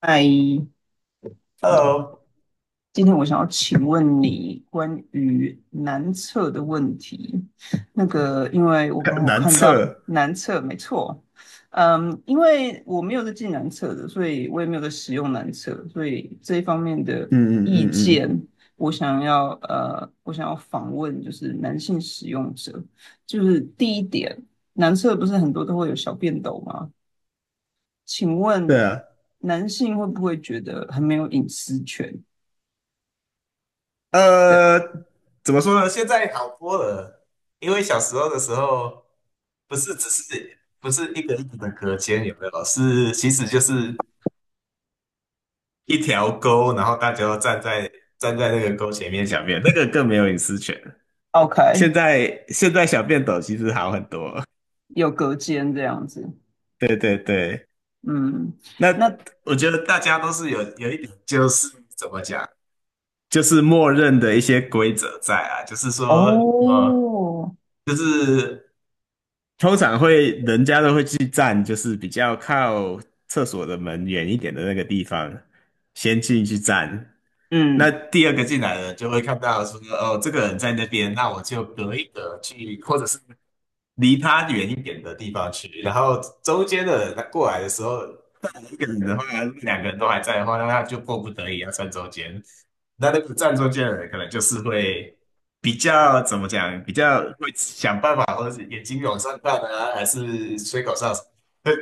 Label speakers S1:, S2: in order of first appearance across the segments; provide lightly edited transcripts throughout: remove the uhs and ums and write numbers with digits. S1: 嗨，
S2: h e
S1: 今天我想要请问你关于男厕的问题。那个，因为我刚
S2: l
S1: 好
S2: 难
S1: 看到
S2: 测，
S1: 男厕，没错。嗯，因为我没有在进男厕的，所以我也没有在使用男厕，所以这一方面的
S2: 嗯嗯
S1: 意
S2: 嗯嗯，
S1: 见，我想要访问就是男性使用者，就是第一点，男厕不是很多都会有小便斗吗？请
S2: 对
S1: 问
S2: 啊，
S1: 男性会不会觉得很没有隐私权？
S2: 呃，怎么说呢？现在好多了，因为小时候的时候，不是一个一个的隔间，有没有？是其实就是一条沟，然后大家都站在那个沟前面小便，那个更没有隐私权。
S1: OK，
S2: 现在小便斗其实好很多，
S1: 有隔间这样子。
S2: 对对对。
S1: 嗯，
S2: 那
S1: 那
S2: 我觉得大家都是有一点，就是怎么讲？就是默认的一些规则在啊，就是说，呃，
S1: 哦，
S2: 就是通常会人家都会去站，就是比较靠厕所的门远一点的那个地方，先进去站。那
S1: 嗯
S2: 第二个进来的就会看到说，哦，这个人在那边，那我就隔一隔去，或者是离他远一点的地方去，然后中间的人他过来的时候，一个人的话，两个人都还在的话，那他就迫不得已要站中间。那个站中间的人可能就是会比较怎么讲，比较会想办法，或者是眼睛往上看啊，还是吹口哨，会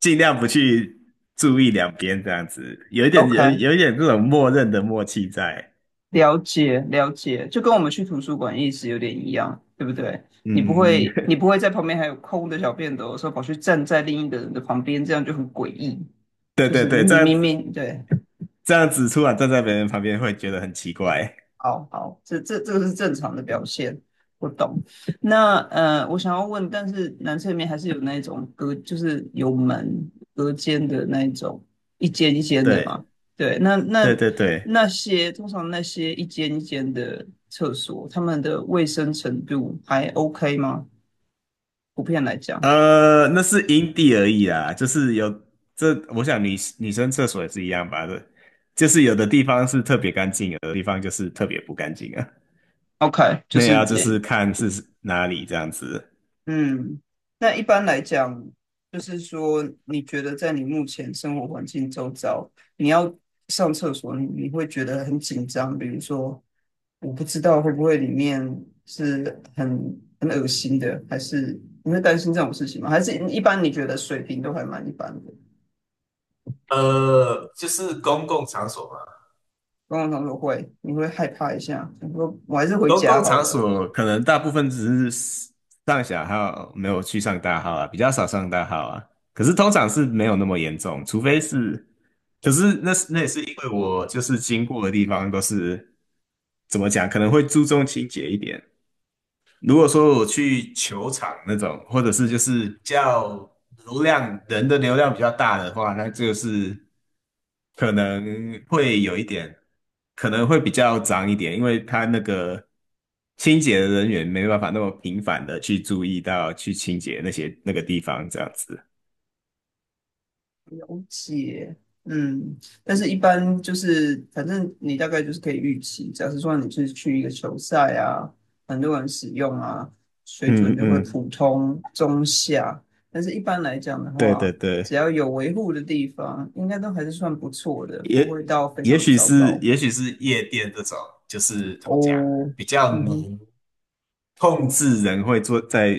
S2: 尽量不去注意两边这样子，有一点有
S1: ，OK，
S2: 有一点这种默认的默契在。
S1: 了解了解，就跟我们去图书馆意思有点一样，对不对？你不
S2: 嗯嗯嗯，
S1: 会 你不会在旁边还有空的小便斗的时候跑去站在另一个人的旁边，这样就很诡异，
S2: 对
S1: 就
S2: 对
S1: 是
S2: 对，
S1: 明
S2: 这样
S1: 明
S2: 子
S1: 明对。
S2: 这样子突然站在别人旁边会觉得很奇怪。
S1: 好好，这个是正常的表现，我懂。那我想要问，但是男厕里面还是有那种隔，就是有门隔间的那一种，一间一间的
S2: 对。
S1: 嘛。对，那那
S2: 对对对，
S1: 那些通常那些一间一间的厕所，他们的卫生程度还 OK 吗？普遍来讲
S2: 那是阴地而已啦，就是有这，我想女生厕所也是一样吧的，就是有的地方是特别干净，有的地方就是特别不干净啊。
S1: ，OK，就
S2: 那也要
S1: 是
S2: 就
S1: 也
S2: 是看是哪里这样子。
S1: 嗯，那一般来讲，就是说，你觉得在你目前生活环境周遭，你要上厕所，你会觉得很紧张。比如说，我不知道会不会里面是很恶心的，还是你会担心这种事情吗？还是一般你觉得水平都还蛮一般的？
S2: 就是公共场所嘛，
S1: 刚刚他说会，你会害怕一下，你说我还是回
S2: 公
S1: 家
S2: 共
S1: 好
S2: 场
S1: 了。
S2: 所可能大部分只是上小号，没有去上大号啊，比较少上大号啊。可是通常是没有那么严重，除非是，可是那也是因为我就是经过的地方都是怎么讲，可能会注重清洁一点，如果说我去球场那种，或者是就是叫人的流量比较大的话，那就是可能会有一点，可能会比较脏一点，因为他那个清洁的人员没办法那么频繁的去注意到去清洁那些那个地方这样子。
S1: 解，嗯，但是一般就是，反正你大概就是可以预期，假设说你是去一个球赛啊，很多人使用啊，水准
S2: 嗯
S1: 就会
S2: 嗯，
S1: 普通中下，但是一般来讲的
S2: 对对
S1: 话，
S2: 对，
S1: 只要有维护的地方，应该都还是算不错的，不会
S2: 也
S1: 到非
S2: 也
S1: 常
S2: 许
S1: 糟
S2: 是
S1: 糕。
S2: 也许是夜店这种，就是怎么讲，
S1: 哦，
S2: 比较
S1: 嗯哼，
S2: 浓。控制人会做在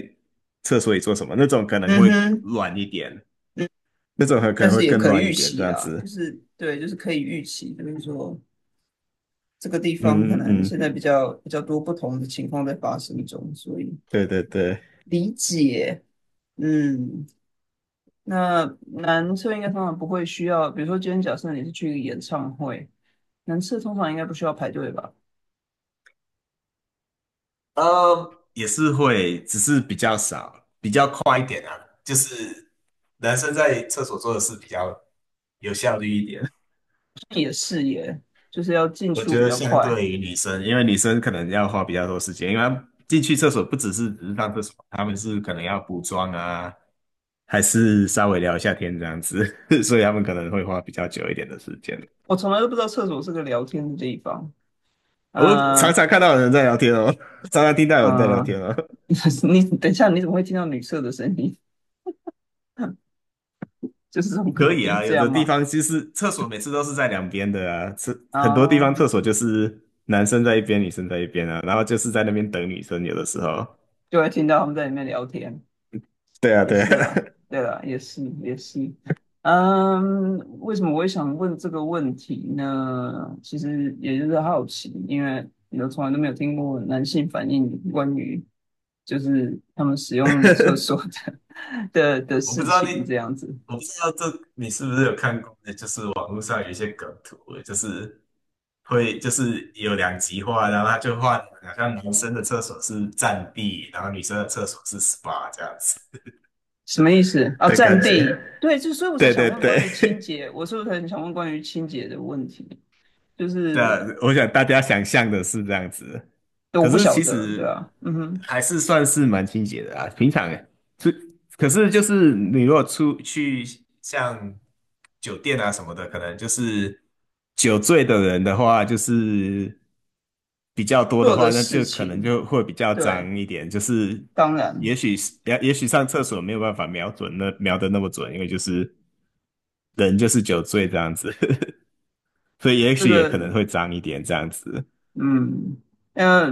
S2: 厕所里做什么，那种可能
S1: 嗯
S2: 会
S1: 哼，
S2: 乱一点，
S1: 嗯，
S2: 那种还可
S1: 但
S2: 能会
S1: 是也
S2: 更
S1: 可以
S2: 乱一
S1: 预
S2: 点，这
S1: 期
S2: 样
S1: 啦，就
S2: 子。
S1: 是对，就是可以预期，就是说。这个地方可
S2: 嗯嗯
S1: 能现
S2: 嗯，
S1: 在比较多不同的情况在发生中，所以
S2: 对对对，
S1: 理解。嗯，那男厕应该通常不会需要，比如说今天假设你是去一个演唱会，男厕通常应该不需要排队吧？
S2: 也是会，只是比较少，比较快一点啊。就是男生在厕所做的事比较有效率一点，
S1: 也是耶，就是要进
S2: 我
S1: 出
S2: 觉
S1: 比
S2: 得
S1: 较
S2: 相
S1: 快。
S2: 对于女生，因为女生可能要花比较多时间，因为她进去厕所不只是上厕所，他们是可能要补妆啊，还是稍微聊一下天这样子，所以他们可能会花比较久一点的时间。
S1: 我从来都不知道厕所是个聊天的地方。
S2: 我
S1: 嗯、
S2: 常常看到有人在聊天哦，常常听到有人在聊
S1: 嗯、
S2: 天哦。
S1: 你等一下，你怎么会听到女厕的声音？就是从隔
S2: 可以
S1: 壁
S2: 啊，
S1: 这
S2: 有
S1: 样
S2: 的地
S1: 吗？
S2: 方其是厕所每次都是在两边的啊，是很多地
S1: 啊，
S2: 方厕所就是男生在一边，女生在一边啊，然后就是在那边等女生，有的时候。
S1: 就会听到他们在里面聊天。
S2: 对啊，
S1: 也
S2: 对啊，
S1: 是啦，对啦，也是也是。嗯，为什么我会想问这个问题呢？其实也就是好奇，因为你都从来都没有听过男性反映关于就是他们使 用厕所的 的
S2: 我不
S1: 事
S2: 知道你，
S1: 情这样子。
S2: 我不知道你是不是有看过，就是网络上有一些梗图，就是会就是有两极化，然后他就换，好像男生的厕所是占地，然后女生的厕所是 SPA 这样子。
S1: 什么意思啊？
S2: 的
S1: 占
S2: 感
S1: 地，
S2: 觉。
S1: 对，就所以我才
S2: 对
S1: 想
S2: 对
S1: 问
S2: 对，
S1: 关于清 洁，我是不是很想问关于清洁的问题？就
S2: 对啊，
S1: 是
S2: 我想大家想象的是这样子，
S1: 我
S2: 可
S1: 不
S2: 是
S1: 晓
S2: 其
S1: 得，对
S2: 实
S1: 啊，嗯哼，
S2: 还是算是蛮清洁的啊。平常是，可是就是你如果出去像酒店啊什么的，可能就是酒醉的人的话，就是比较多的
S1: 做的
S2: 话，那
S1: 事
S2: 就可能
S1: 情，
S2: 就会比较
S1: 对，
S2: 脏一点。就是
S1: 当然。
S2: 也许上厕所没有办法瞄准那瞄的那么准，因为就是人就是酒醉这样子。所以也
S1: 这
S2: 许也
S1: 个，
S2: 可能会脏一点这样子。
S1: 嗯，呃，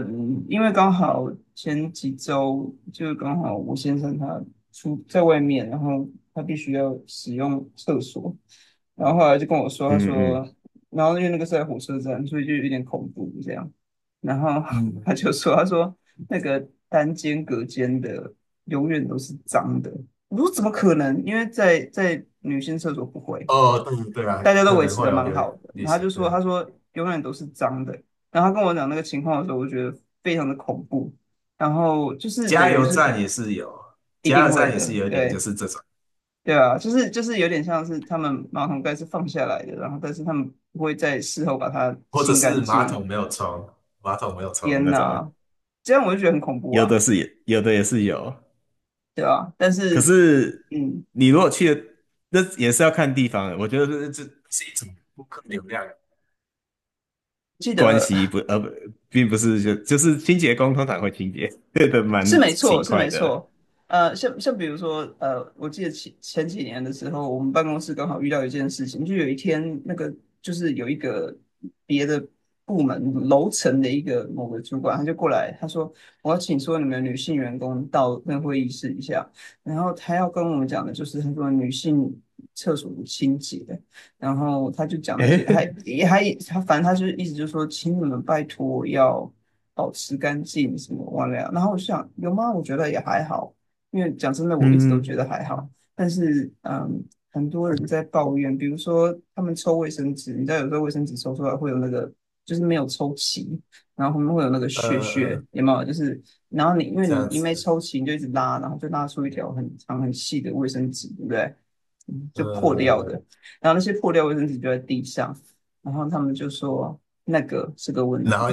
S1: 因为刚好前几周就是刚好我先生他出在外面，然后他必须要使用厕所，然后后来就跟我说，他
S2: 嗯嗯，
S1: 说，然后因为那个是在火车站，所以就有点恐怖这样，然后
S2: 嗯，
S1: 他就说，他说那个单间隔间的永远都是脏的，我说怎么可能？因为在女性厕所不会。
S2: 哦，对对啊，
S1: 大家都
S2: 可
S1: 维
S2: 能
S1: 持
S2: 会
S1: 的
S2: 有
S1: 蛮
S2: 流
S1: 好的。然
S2: 旅
S1: 后他
S2: 行，
S1: 就
S2: 对，
S1: 说，他说永远都是脏的。然后他跟我讲那个情况的时候，我觉得非常的恐怖。然后就是等
S2: 加
S1: 于
S2: 油
S1: 是
S2: 站也是有，
S1: 一
S2: 加
S1: 定
S2: 油
S1: 会
S2: 站也是
S1: 的，
S2: 有一点就
S1: 对。
S2: 是这种，
S1: 对啊，就是就是有点像是他们马桶盖是放下来的，然后但是他们不会在事后把它
S2: 或者
S1: 清干
S2: 是马
S1: 净。
S2: 桶没有冲，马桶没有冲
S1: 天
S2: 那种，
S1: 呐，这样我就觉得很恐怖
S2: 有
S1: 啊。
S2: 的是也有的也是有，
S1: 对啊，但
S2: 可
S1: 是
S2: 是
S1: 嗯，
S2: 你如果去的，那也是要看地方的。我觉得这是一种顾客流量。
S1: 记
S2: 关
S1: 得
S2: 系不呃不，并不是就是清洁工通常会清洁，对的
S1: 是
S2: 蛮
S1: 没错，
S2: 勤
S1: 是
S2: 快
S1: 没
S2: 的。
S1: 错。像比如说，我记得前几年的时候，我们办公室刚好遇到一件事情，就有一天那个就是有一个别的部门楼层的一个某个主管，他就过来，他说我要请所有你们女性员工到那会议室一下，然后他要跟我们讲的就是他说女性厕所清洁，然后他就讲了一些，还
S2: 诶，
S1: 也还他反正他就意思就是说，请你们拜托要保持干净什么忘了？然后我就想，有吗？我觉得也还好，因为讲真的，我一直都
S2: 嗯。
S1: 觉得还好。但是，嗯，很多人在抱怨，比如说他们抽卫生纸，你知道有时候卫生纸抽出来会有那个，就是没有抽齐，然后后面会有那个屑
S2: 呃，
S1: 屑，有没有？就是然后你因为
S2: 这
S1: 你
S2: 样
S1: 一没
S2: 子，
S1: 抽齐，你就一直拉，然后就拉出一条很长很细的卫生纸，对不对？嗯就破掉的。
S2: 呃，
S1: 然后那些破掉卫生纸就在地上，然后他们就说那个是个问题。
S2: 然后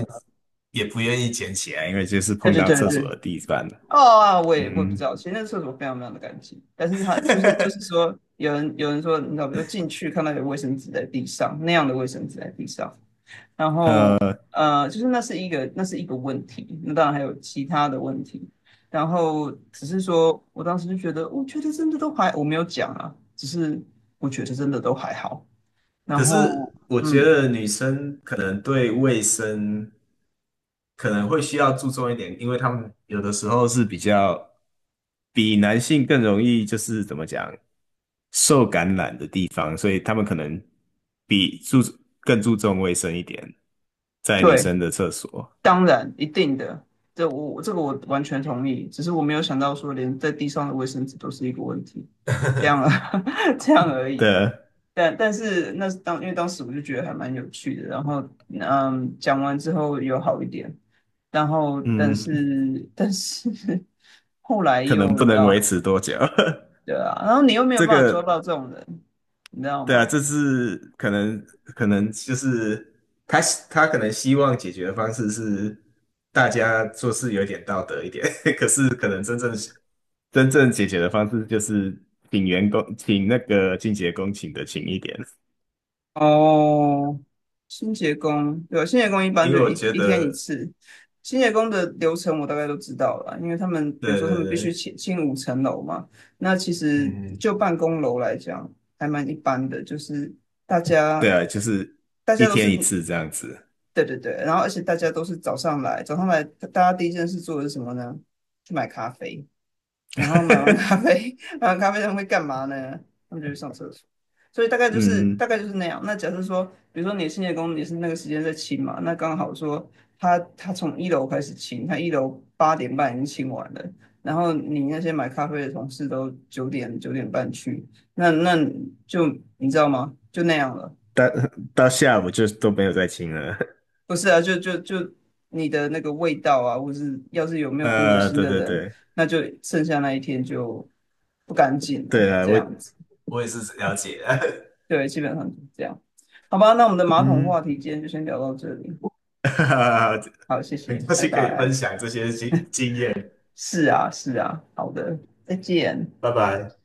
S2: 也不愿意捡起来，因为就是
S1: 对
S2: 碰
S1: 对
S2: 到
S1: 对
S2: 厕
S1: 对。
S2: 所的地板了。
S1: 哦啊，我也不知
S2: 嗯，
S1: 道，其实那个厕所非常非常的干净，但是它就是就是 说，有人说，你知道，比如进去看到有卫生纸在地上，那样的卫生纸在地上，然后就是那是一个那是一个问题，那当然还有其他的问题，然后只是说我当时就觉得，我觉得真的都还，我没有讲啊，只是我觉得真的都还好，然
S2: 可
S1: 后
S2: 是我觉
S1: 嗯，
S2: 得女生可能对卫生可能会需要注重一点，因为他们有的时候是比较比男性更容易，就是怎么讲，受感染的地方，所以他们可能比注更注重卫生一点，在女
S1: 对。
S2: 生的厕所
S1: 当然，一定的，这我这个我完全同意。只是我没有想到说，连在地上的卫生纸都是一个问题，这样啊，这样而已。
S2: 的，
S1: 但但是那是当因为当时我就觉得还蛮有趣的，然后嗯，讲完之后有好一点，然后但嗯
S2: 嗯，
S1: 是但是 后来
S2: 可能
S1: 又
S2: 不
S1: 你知
S2: 能
S1: 道，
S2: 维持多久。
S1: 对啊，然后你又 没有
S2: 这
S1: 办法抓
S2: 个，
S1: 到这种人，你知道
S2: 对啊，
S1: 吗？
S2: 这是可能就是他他可能希望解决的方式是大家做事有点道德一点，可是可能真正解决的方式就是请员工请那个清洁工请的勤一点，
S1: 哦，清洁工，对，清洁工一般
S2: 因
S1: 就
S2: 为我
S1: 一
S2: 觉
S1: 一天一
S2: 得，
S1: 次。清洁工的流程我大概都知道了，因为他们比如
S2: 对
S1: 说他
S2: 对
S1: 们必须
S2: 对，
S1: 清5层楼嘛，那其
S2: 嗯
S1: 实
S2: 嗯，
S1: 就办公楼来讲还蛮一般的，就是大
S2: 对
S1: 家
S2: 啊，就是
S1: 大
S2: 一
S1: 家都是
S2: 天一次这样子，
S1: 对对对，然后而且大家都是早上来，早上来大家第一件事做的是什么呢？去买咖啡。然后 买完咖啡，买完咖啡他们会干嘛呢？他们就去上厕所。所以大概就是
S2: 嗯，
S1: 大概就是那样。那假设说，比如说你清洁工你是那个时间在清嘛，那刚好说他从一楼开始清，他一楼8点半已经清完了，然后你那些买咖啡的同事都九点9点半去，那就你知道吗？就那样了。
S2: 到到下午就都没有再请了。
S1: 不是啊，就你的那个味道啊，或是要是有 没有公德心
S2: 对
S1: 的
S2: 对
S1: 人，
S2: 对，
S1: 那就剩下那一天就不干净了，
S2: 对啊，
S1: 这
S2: 我
S1: 样子。
S2: 我也是了解的，
S1: 对，基本上就是这样。好吧，那我们的 马桶
S2: 嗯，
S1: 话题今天就先聊到这里。好，谢
S2: 很
S1: 谢，
S2: 高
S1: 拜
S2: 兴可以分
S1: 拜。
S2: 享这些经验，
S1: 是啊，是啊，好的，再见。
S2: 拜拜。